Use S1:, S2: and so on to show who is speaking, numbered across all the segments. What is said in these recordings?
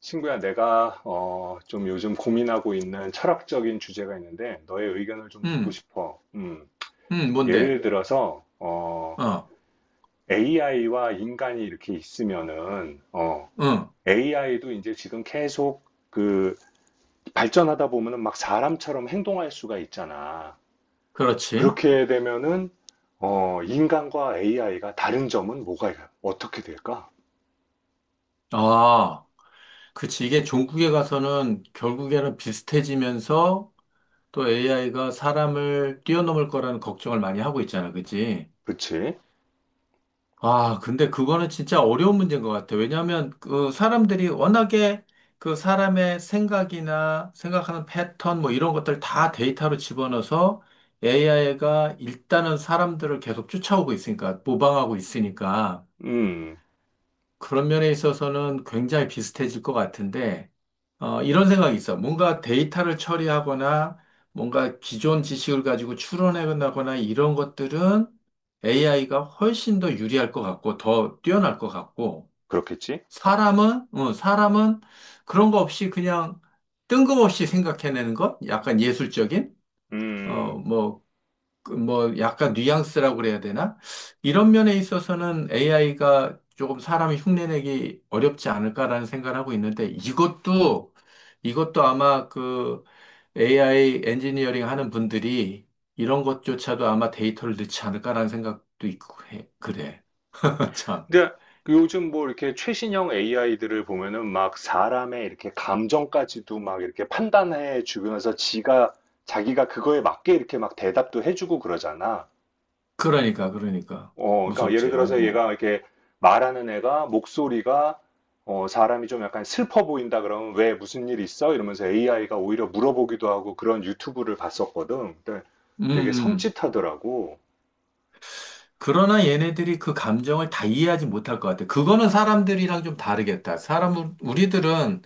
S1: 친구야, 내가 좀 요즘 고민하고 있는 철학적인 주제가 있는데 너의 의견을 좀 듣고
S2: 음,
S1: 싶어.
S2: 음. 뭔데?
S1: 예를 들어서
S2: 어,
S1: AI와 인간이 이렇게 있으면은
S2: 응,
S1: AI도 이제 지금 계속 그 발전하다 보면은 막 사람처럼 행동할 수가 있잖아.
S2: 그렇지.
S1: 그렇게 되면은 인간과 AI가 다른 점은 뭐가 어떻게 될까?
S2: 아, 그치. 이게 종국에 가서는 결국에는 비슷해지면서 또 AI가 사람을 뛰어넘을 거라는 걱정을 많이 하고 있잖아. 그치?
S1: 그치?
S2: 아, 근데 그거는 진짜 어려운 문제인 것 같아. 왜냐하면 그 사람들이 워낙에 그 사람의 생각이나 생각하는 패턴 뭐 이런 것들 다 데이터로 집어넣어서 AI가 일단은 사람들을 계속 쫓아오고 있으니까, 모방하고 있으니까.
S1: 음,
S2: 그런 면에 있어서는 굉장히 비슷해질 것 같은데, 이런 생각이 있어. 뭔가 데이터를 처리하거나, 뭔가 기존 지식을 가지고 추론해나거나 이런 것들은 AI가 훨씬 더 유리할 것 같고, 더 뛰어날 것 같고,
S1: 그렇겠지?
S2: 사람은 그런 거 없이 그냥 뜬금없이 생각해내는 것? 약간 예술적인?
S1: 음.
S2: 뭐, 그뭐 약간 뉘앙스라고 그래야 되나? 이런 면에 있어서는 AI가 조금 사람이 흉내내기 어렵지 않을까라는 생각을 하고 있는데 이것도 아마 그 AI 엔지니어링 하는 분들이 이런 것조차도 아마 데이터를 넣지 않을까라는 생각도 있고 해. 그래.
S1: 음.
S2: 참.
S1: 근데 요즘 뭐 이렇게 최신형 AI들을 보면은 막 사람의 이렇게 감정까지도 막 이렇게 판단해 주면서 지가 자기가 그거에 맞게 이렇게 막 대답도 해주고 그러잖아.
S2: 그러니까
S1: 그러니까 예를
S2: 무섭지.
S1: 들어서
S2: 아이고.
S1: 얘가 이렇게 말하는 애가 목소리가 사람이 좀 약간 슬퍼 보인다 그러면 왜 무슨 일 있어? 이러면서 AI가 오히려 물어보기도 하고 그런 유튜브를 봤었거든. 근데
S2: 음.
S1: 되게
S2: 음.
S1: 섬찟하더라고.
S2: 그러나 얘네들이 그 감정을 다 이해하지 못할 것 같아. 그거는 사람들이랑 좀 다르겠다. 우리들은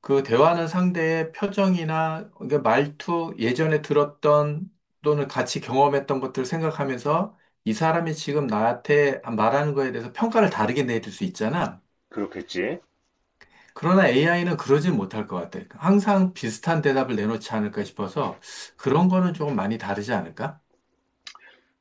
S2: 그 대화하는 상대의 표정이나 그러니까 말투, 예전에 들었던 또는 같이 경험했던 것들을 생각하면서 이 사람이 지금 나한테 말하는 거에 대해서 평가를 다르게 내릴 수 있잖아.
S1: 그렇겠지?
S2: 그러나 AI는 그러진 못할 것 같아. 항상 비슷한 대답을 내놓지 않을까 싶어서 그런 거는 조금 많이 다르지 않을까?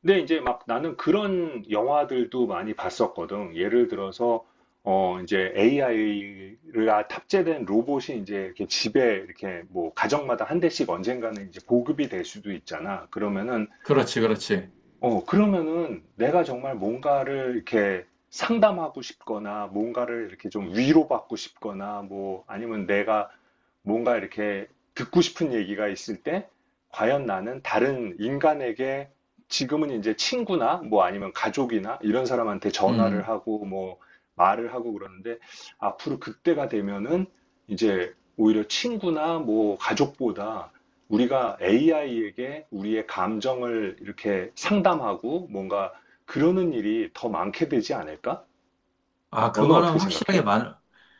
S1: 근데 이제 막 나는 그런 영화들도 많이 봤었거든. 예를 들어서 이제 AI가 탑재된 로봇이 이제 이렇게 집에 이렇게 뭐 가정마다 한 대씩 언젠가는 이제 보급이 될 수도 있잖아. 그러면은
S2: 그렇지, 그렇지.
S1: 그러면은 내가 정말 뭔가를 이렇게 상담하고 싶거나 뭔가를 이렇게 좀 위로받고 싶거나 뭐 아니면 내가 뭔가 이렇게 듣고 싶은 얘기가 있을 때 과연 나는 다른 인간에게 지금은 이제 친구나 뭐 아니면 가족이나 이런 사람한테
S2: 음.
S1: 전화를
S2: 음.
S1: 하고 뭐 말을 하고 그러는데 앞으로 그때가 되면은 이제 오히려 친구나 뭐 가족보다 우리가 AI에게 우리의 감정을 이렇게 상담하고 뭔가 그러는 일이 더 많게 되지 않을까?
S2: 아,
S1: 너는
S2: 그거는
S1: 어떻게
S2: 확실하게
S1: 생각해?
S2: 많을,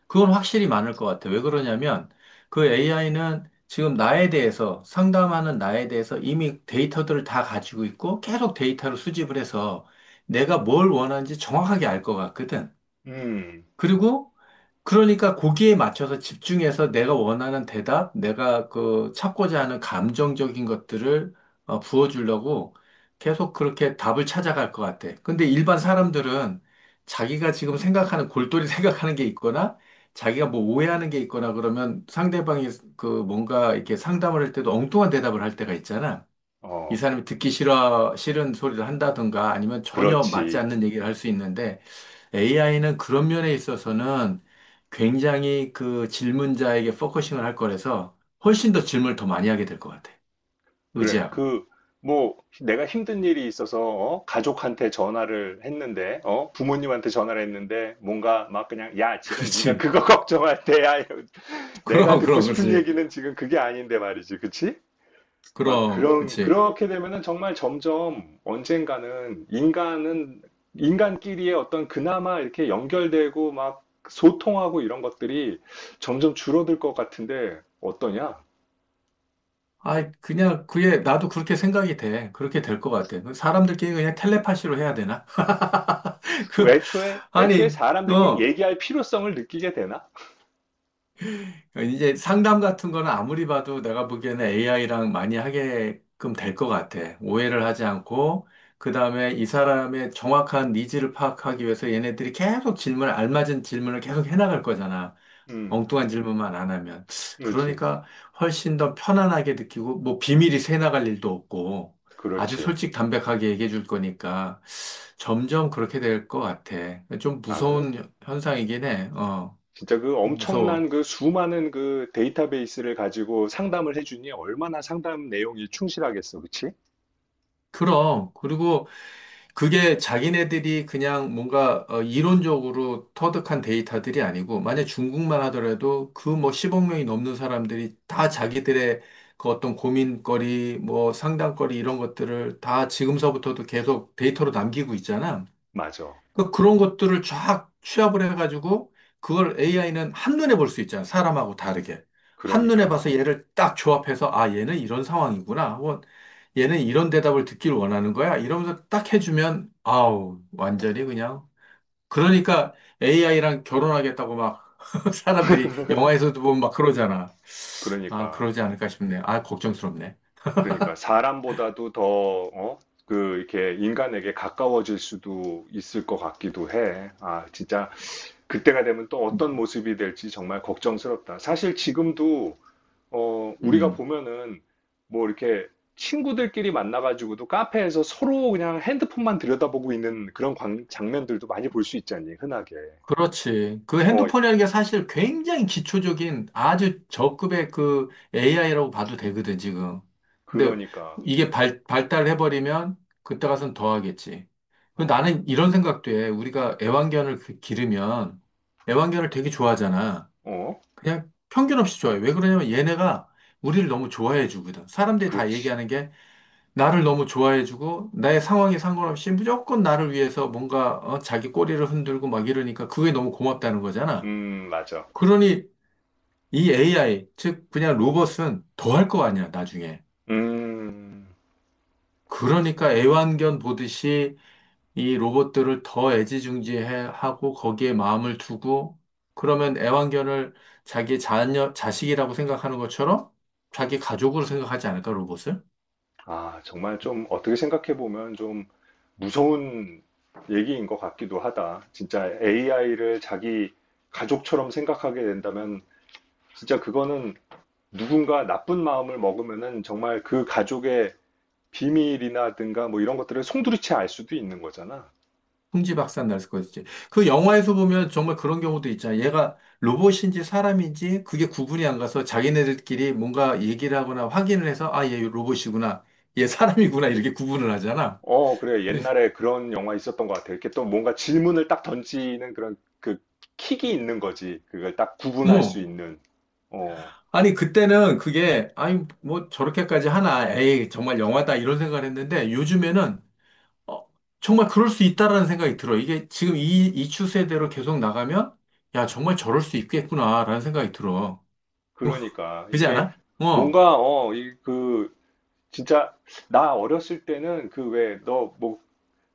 S2: 그건 확실히 많을 것 같아. 왜 그러냐면, 그 AI는 지금 나에 대해서, 상담하는 나에 대해서 이미 데이터들을 다 가지고 있고, 계속 데이터를 수집을 해서 내가 뭘 원하는지 정확하게 알 것 같거든.
S1: 음,
S2: 그리고 그러니까 거기에 맞춰서 집중해서 내가 원하는 대답, 내가 그 찾고자 하는 감정적인 것들을 부어주려고 계속 그렇게 답을 찾아갈 것 같아. 근데 일반 사람들은 자기가 지금 생각하는 골똘히 생각하는 게 있거나 자기가 뭐 오해하는 게 있거나 그러면 상대방이 그 뭔가 이렇게 상담을 할 때도 엉뚱한 대답을 할 때가 있잖아. 이
S1: 어,
S2: 사람이 싫은 소리를 한다든가 아니면 전혀 맞지
S1: 그렇지.
S2: 않는 얘기를 할 수 있는데 AI는 그런 면에 있어서는 굉장히 그 질문자에게 포커싱을 할 거라서 훨씬 더 질문을 더 많이 하게 될 것 같아.
S1: 그래.
S2: 의지하고.
S1: 뭐, 내가 힘든 일이 있어서, 가족한테 전화를 했는데, 부모님한테 전화를 했는데, 뭔가 막 그냥, 야, 지금 네가
S2: 그렇지.
S1: 그거 걱정할 때야. 내가
S2: 그럼,
S1: 듣고
S2: 그럼,
S1: 싶은
S2: 그렇지.
S1: 얘기는 지금 그게 아닌데 말이지. 그치? 막
S2: 그럼,
S1: 그런
S2: 그렇지.
S1: 그렇게 되면은 정말 점점 언젠가는 인간은 인간끼리의 어떤 그나마 이렇게 연결되고 막 소통하고 이런 것들이 점점 줄어들 것 같은데 어떠냐?
S2: 아, 그냥 그게 나도 그렇게 생각이 돼. 그렇게 될 것 같아. 그 사람들끼리 그냥 텔레파시로 해야 되나? 그,
S1: 애초에 애초에
S2: 아니,
S1: 사람들끼리
S2: 어.
S1: 얘기할 필요성을 느끼게 되나?
S2: 그러니까 이제 상담 같은 거는 아무리 봐도 내가 보기에는 AI랑 많이 하게끔 될 것 같아. 오해를 하지 않고, 그 다음에 이 사람의 정확한 니즈를 파악하기 위해서 얘네들이 계속 알맞은 질문을 계속 해나갈 거잖아.
S1: 음,
S2: 엉뚱한 질문만 안 하면.
S1: 그렇지,
S2: 그러니까 훨씬 더 편안하게 느끼고, 뭐 비밀이 새나갈 일도 없고, 아주
S1: 그렇지.
S2: 솔직 담백하게 얘기해 줄 거니까 점점 그렇게 될 것 같아. 좀
S1: 아, 그
S2: 무서운 현상이긴 해.
S1: 진짜 그 엄청난
S2: 무서워.
S1: 그 수많은 그 데이터베이스를 가지고 상담을 해주니 얼마나 상담 내용이 충실하겠어, 그치?
S2: 그럼. 그리고 그게 자기네들이 그냥 뭔가 이론적으로 터득한 데이터들이 아니고, 만약 중국만 하더라도 그 뭐 10억 명이 넘는 사람들이 다 자기들의 그 어떤 고민거리, 뭐 상담거리 이런 것들을 다 지금서부터도 계속 데이터로 남기고 있잖아.
S1: 맞아.
S2: 그런 것들을 쫙 취합을 해가지고 그걸 AI는 한눈에 볼 수 있잖아. 사람하고 다르게. 한눈에
S1: 그러니까,
S2: 봐서 얘를 딱 조합해서 아, 얘는 이런 상황이구나. 혹은 얘는 이런 대답을 듣길 원하는 거야. 이러면서 딱 해주면 아우, 완전히 그냥. 그러니까 AI랑 결혼하겠다고 막 사람들이 영화에서도 보면 막 그러잖아. 아,
S1: 그러니까.
S2: 그러지 않을까 싶네. 아, 걱정스럽네.
S1: 그러니까 사람보다도 더, 어? 그, 이렇게 인간에게 가까워질 수도 있을 것 같기도 해. 아, 진짜 그때가 되면 또 어떤 모습이 될지 정말 걱정스럽다. 사실 지금도, 우리가
S2: 음.
S1: 보면은 뭐 이렇게 친구들끼리 만나가지고도 카페에서 서로 그냥 핸드폰만 들여다보고 있는 그런 장면들도 많이 볼 수 있잖니, 흔하게.
S2: 그렇지. 그
S1: 어,
S2: 핸드폰이라는 게 사실 굉장히 기초적인 아주 저급의 그 AI라고 봐도 되거든, 지금. 근데
S1: 그러니까.
S2: 이게 발달해버리면 그때 가서는 더 하겠지. 그
S1: 어,
S2: 나는 이런 생각도 해. 우리가 애완견을 기르면 애완견을 되게 좋아하잖아.
S1: 어,
S2: 그냥 편견 없이 좋아해. 왜 그러냐면 얘네가 우리를 너무 좋아해 주거든. 사람들이 다
S1: 그렇지.
S2: 얘기하는 게 나를 너무 좋아해주고 나의 상황에 상관없이 무조건 나를 위해서 뭔가 자기 꼬리를 흔들고 막 이러니까 그게 너무 고맙다는 거잖아.
S1: 맞아.
S2: 그러니 이 AI, 즉 그냥 로봇은 더 할 거 아니야, 나중에.
S1: 음.
S2: 그러니까 애완견 보듯이 이 로봇들을 더 애지중지하고 거기에 마음을 두고 그러면 애완견을 자기 자식이라고 생각하는 것처럼 자기 가족으로 생각하지 않을까, 로봇을?
S1: 아, 정말 좀 어떻게 생각해 보면 좀 무서운 얘기인 것 같기도 하다. 진짜 AI를 자기 가족처럼 생각하게 된다면 진짜 그거는 누군가 나쁜 마음을 먹으면은 정말 그 가족의 비밀이라든가 뭐 이런 것들을 송두리째 알 수도 있는 거잖아.
S2: 흥지 박산 날 수가 있지. 그 영화에서 보면 정말 그런 경우도 있잖아. 얘가 로봇인지 사람인지 그게 구분이 안 가서 자기네들끼리 뭔가 얘기를 하거나 확인을 해서 아, 얘 로봇이구나. 얘 사람이구나. 이렇게 구분을 하잖아.
S1: 어, 그래.
S2: 그래서,
S1: 옛날에 그런 영화 있었던 것 같아. 이렇게 또 뭔가 질문을 딱 던지는 그런 그 킥이 있는 거지. 그걸 딱 구분할 수
S2: 어.
S1: 있는. 어.
S2: 아니, 그때는 그게, 아니, 뭐 저렇게까지 하나. 에이, 정말 영화다. 이런 생각을 했는데 요즘에는 어, 정말 그럴 수 있다라는 생각이 들어. 이게 지금 이 추세대로 계속 나가면 야, 정말 저럴 수 있겠구나라는 생각이 들어.
S1: 그러니까
S2: 그지
S1: 이게
S2: 않아? 어.
S1: 뭔가 이 그 진짜 나 어렸을 때는 그 왜 너 뭐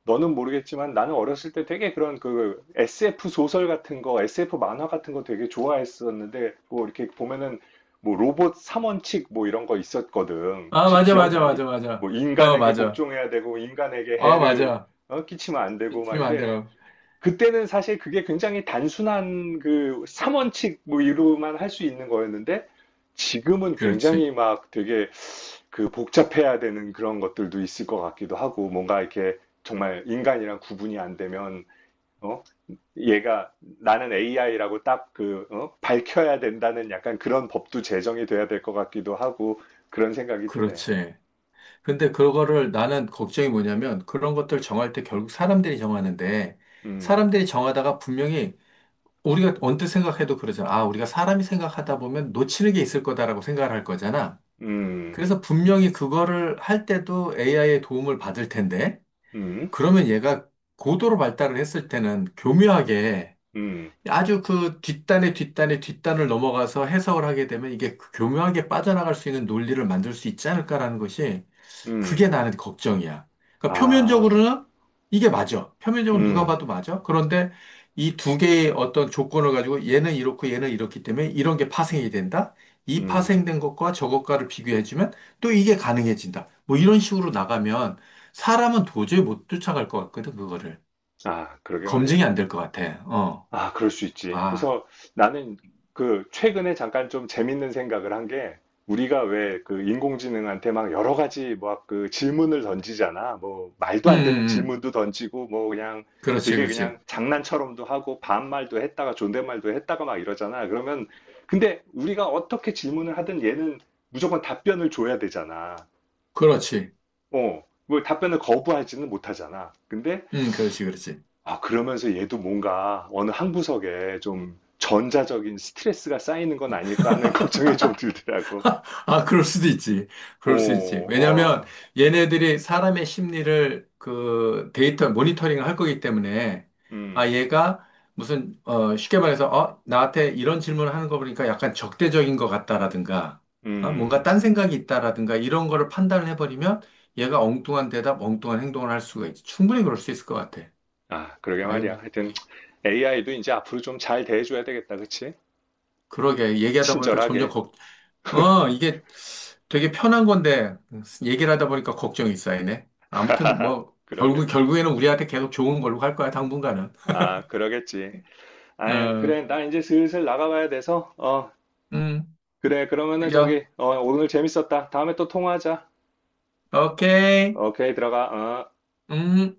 S1: 너는 모르겠지만 나는 어렸을 때 되게 그런 그 SF 소설 같은 거 SF 만화 같은 거 되게 좋아했었는데 뭐 이렇게 보면은 뭐 로봇 3원칙 뭐 이런 거 있었거든
S2: 아,
S1: 혹시
S2: 맞아, 맞아,
S1: 기억나니?
S2: 맞아,
S1: 뭐
S2: 맞아. 어,
S1: 인간에게
S2: 맞아.
S1: 복종해야 되고 인간에게
S2: 아,
S1: 해를
S2: 맞아.
S1: 끼치면 안 되고 막
S2: 틀리면 안 돼요.
S1: 그때는 사실 그게 굉장히 단순한 그 3원칙 뭐 이로만 할 수 있는 거였는데 지금은
S2: 그렇지.
S1: 굉장히 막 되게 그 복잡해야 되는 그런 것들도 있을 것 같기도 하고 뭔가 이렇게 정말 인간이랑 구분이 안 되면 어? 얘가 나는 AI라고 딱 어? 밝혀야 된다는 약간 그런 법도 제정이 돼야 될 것 같기도 하고 그런 생각이 드네.
S2: 그렇지. 근데 그거를 나는 걱정이 뭐냐면 그런 것들 정할 때 결국 사람들이 정하는데
S1: 음,
S2: 사람들이 정하다가 분명히 우리가 언뜻 생각해도 그러잖아. 아, 우리가 사람이 생각하다 보면 놓치는 게 있을 거다라고 생각을 할 거잖아.
S1: 음,
S2: 그래서 분명히 그거를 할 때도 AI의 도움을 받을 텐데
S1: 음,
S2: 그러면 얘가 고도로 발달을 했을 때는 교묘하게
S1: 음,
S2: 아주 그 뒷단의 뒷단의 뒷단을 넘어가서 해석을 하게 되면 이게 그 교묘하게 빠져나갈 수 있는 논리를 만들 수 있지 않을까라는 것이
S1: 음,
S2: 그게 나는 걱정이야. 그러니까
S1: 아,
S2: 표면적으로는 이게 맞아. 표면적으로 누가
S1: 음,
S2: 봐도 맞아. 그런데 이 두 개의 어떤 조건을 가지고 얘는 이렇고 얘는 이렇기 때문에 이런 게 파생이 된다. 이
S1: 음.
S2: 파생된 것과 저것과를 비교해주면 또 이게 가능해진다. 뭐 이런 식으로 나가면 사람은 도저히 못 쫓아갈 것 같거든, 그거를.
S1: 아, 그러게 말이야.
S2: 검증이 안 될 것 같아. 어.
S1: 아, 그럴 수 있지.
S2: 아.
S1: 그래서 나는 그 최근에 잠깐 좀 재밌는 생각을 한 게 우리가 왜 그 인공지능한테 막 여러 가지 뭐 그 질문을 던지잖아. 뭐 말도
S2: 음,
S1: 안 되는
S2: 음, 음.
S1: 질문도 던지고 뭐 그냥
S2: 그렇지,
S1: 되게
S2: 그렇지.
S1: 그냥 장난처럼도 하고 반말도 했다가 존댓말도 했다가 막 이러잖아. 그러면 근데 우리가 어떻게 질문을 하든 얘는 무조건 답변을 줘야 되잖아.
S2: 그렇지.
S1: 어, 뭐 답변을 거부하지는 못하잖아. 근데
S2: 그렇지, 그렇지.
S1: 아, 그러면서 얘도 뭔가 어느 한 구석에 좀 전자적인 스트레스가 쌓이는 건 아닐까 하는 걱정이 좀 들더라고.
S2: 아, 그럴 수도 있지.
S1: 오,
S2: 그럴 수 있지. 왜냐면
S1: 어,
S2: 얘네들이 사람의 심리를 그 데이터 모니터링을 할 거기 때문에 아,
S1: 음,
S2: 얘가 무슨 쉽게 말해서 나한테 이런 질문을 하는 거 보니까 약간 적대적인 것 같다라든가 아, 뭔가
S1: 음.
S2: 딴 생각이 있다라든가 이런 거를 판단을 해버리면 얘가 엉뚱한 행동을 할 수가 있지. 충분히 그럴 수 있을 것 같아.
S1: 아, 그러게
S2: 아유,
S1: 말이야. 하여튼
S2: 예.
S1: AI도 이제 앞으로 좀 잘 대해줘야 되겠다, 그치?
S2: 그러게. 얘기하다 보니까 점점
S1: 친절하게.
S2: 걱정 이게 되게 편한 건데, 얘기를 하다 보니까 걱정이 쌓이네. 아무튼 뭐,
S1: 그러게.
S2: 결국에는 우리한테 계속 좋은 걸로 갈 거야, 당분간은.
S1: 아, 그러겠지. 아유,
S2: 어,
S1: 그래. 나 이제 슬슬 나가봐야 돼서.
S2: 음,
S1: 그래. 그러면은
S2: 그죠?
S1: 저기, 오늘 재밌었다. 다음에 또 통화하자.
S2: 오케이.
S1: 오케이, 들어가. 어.
S2: 음.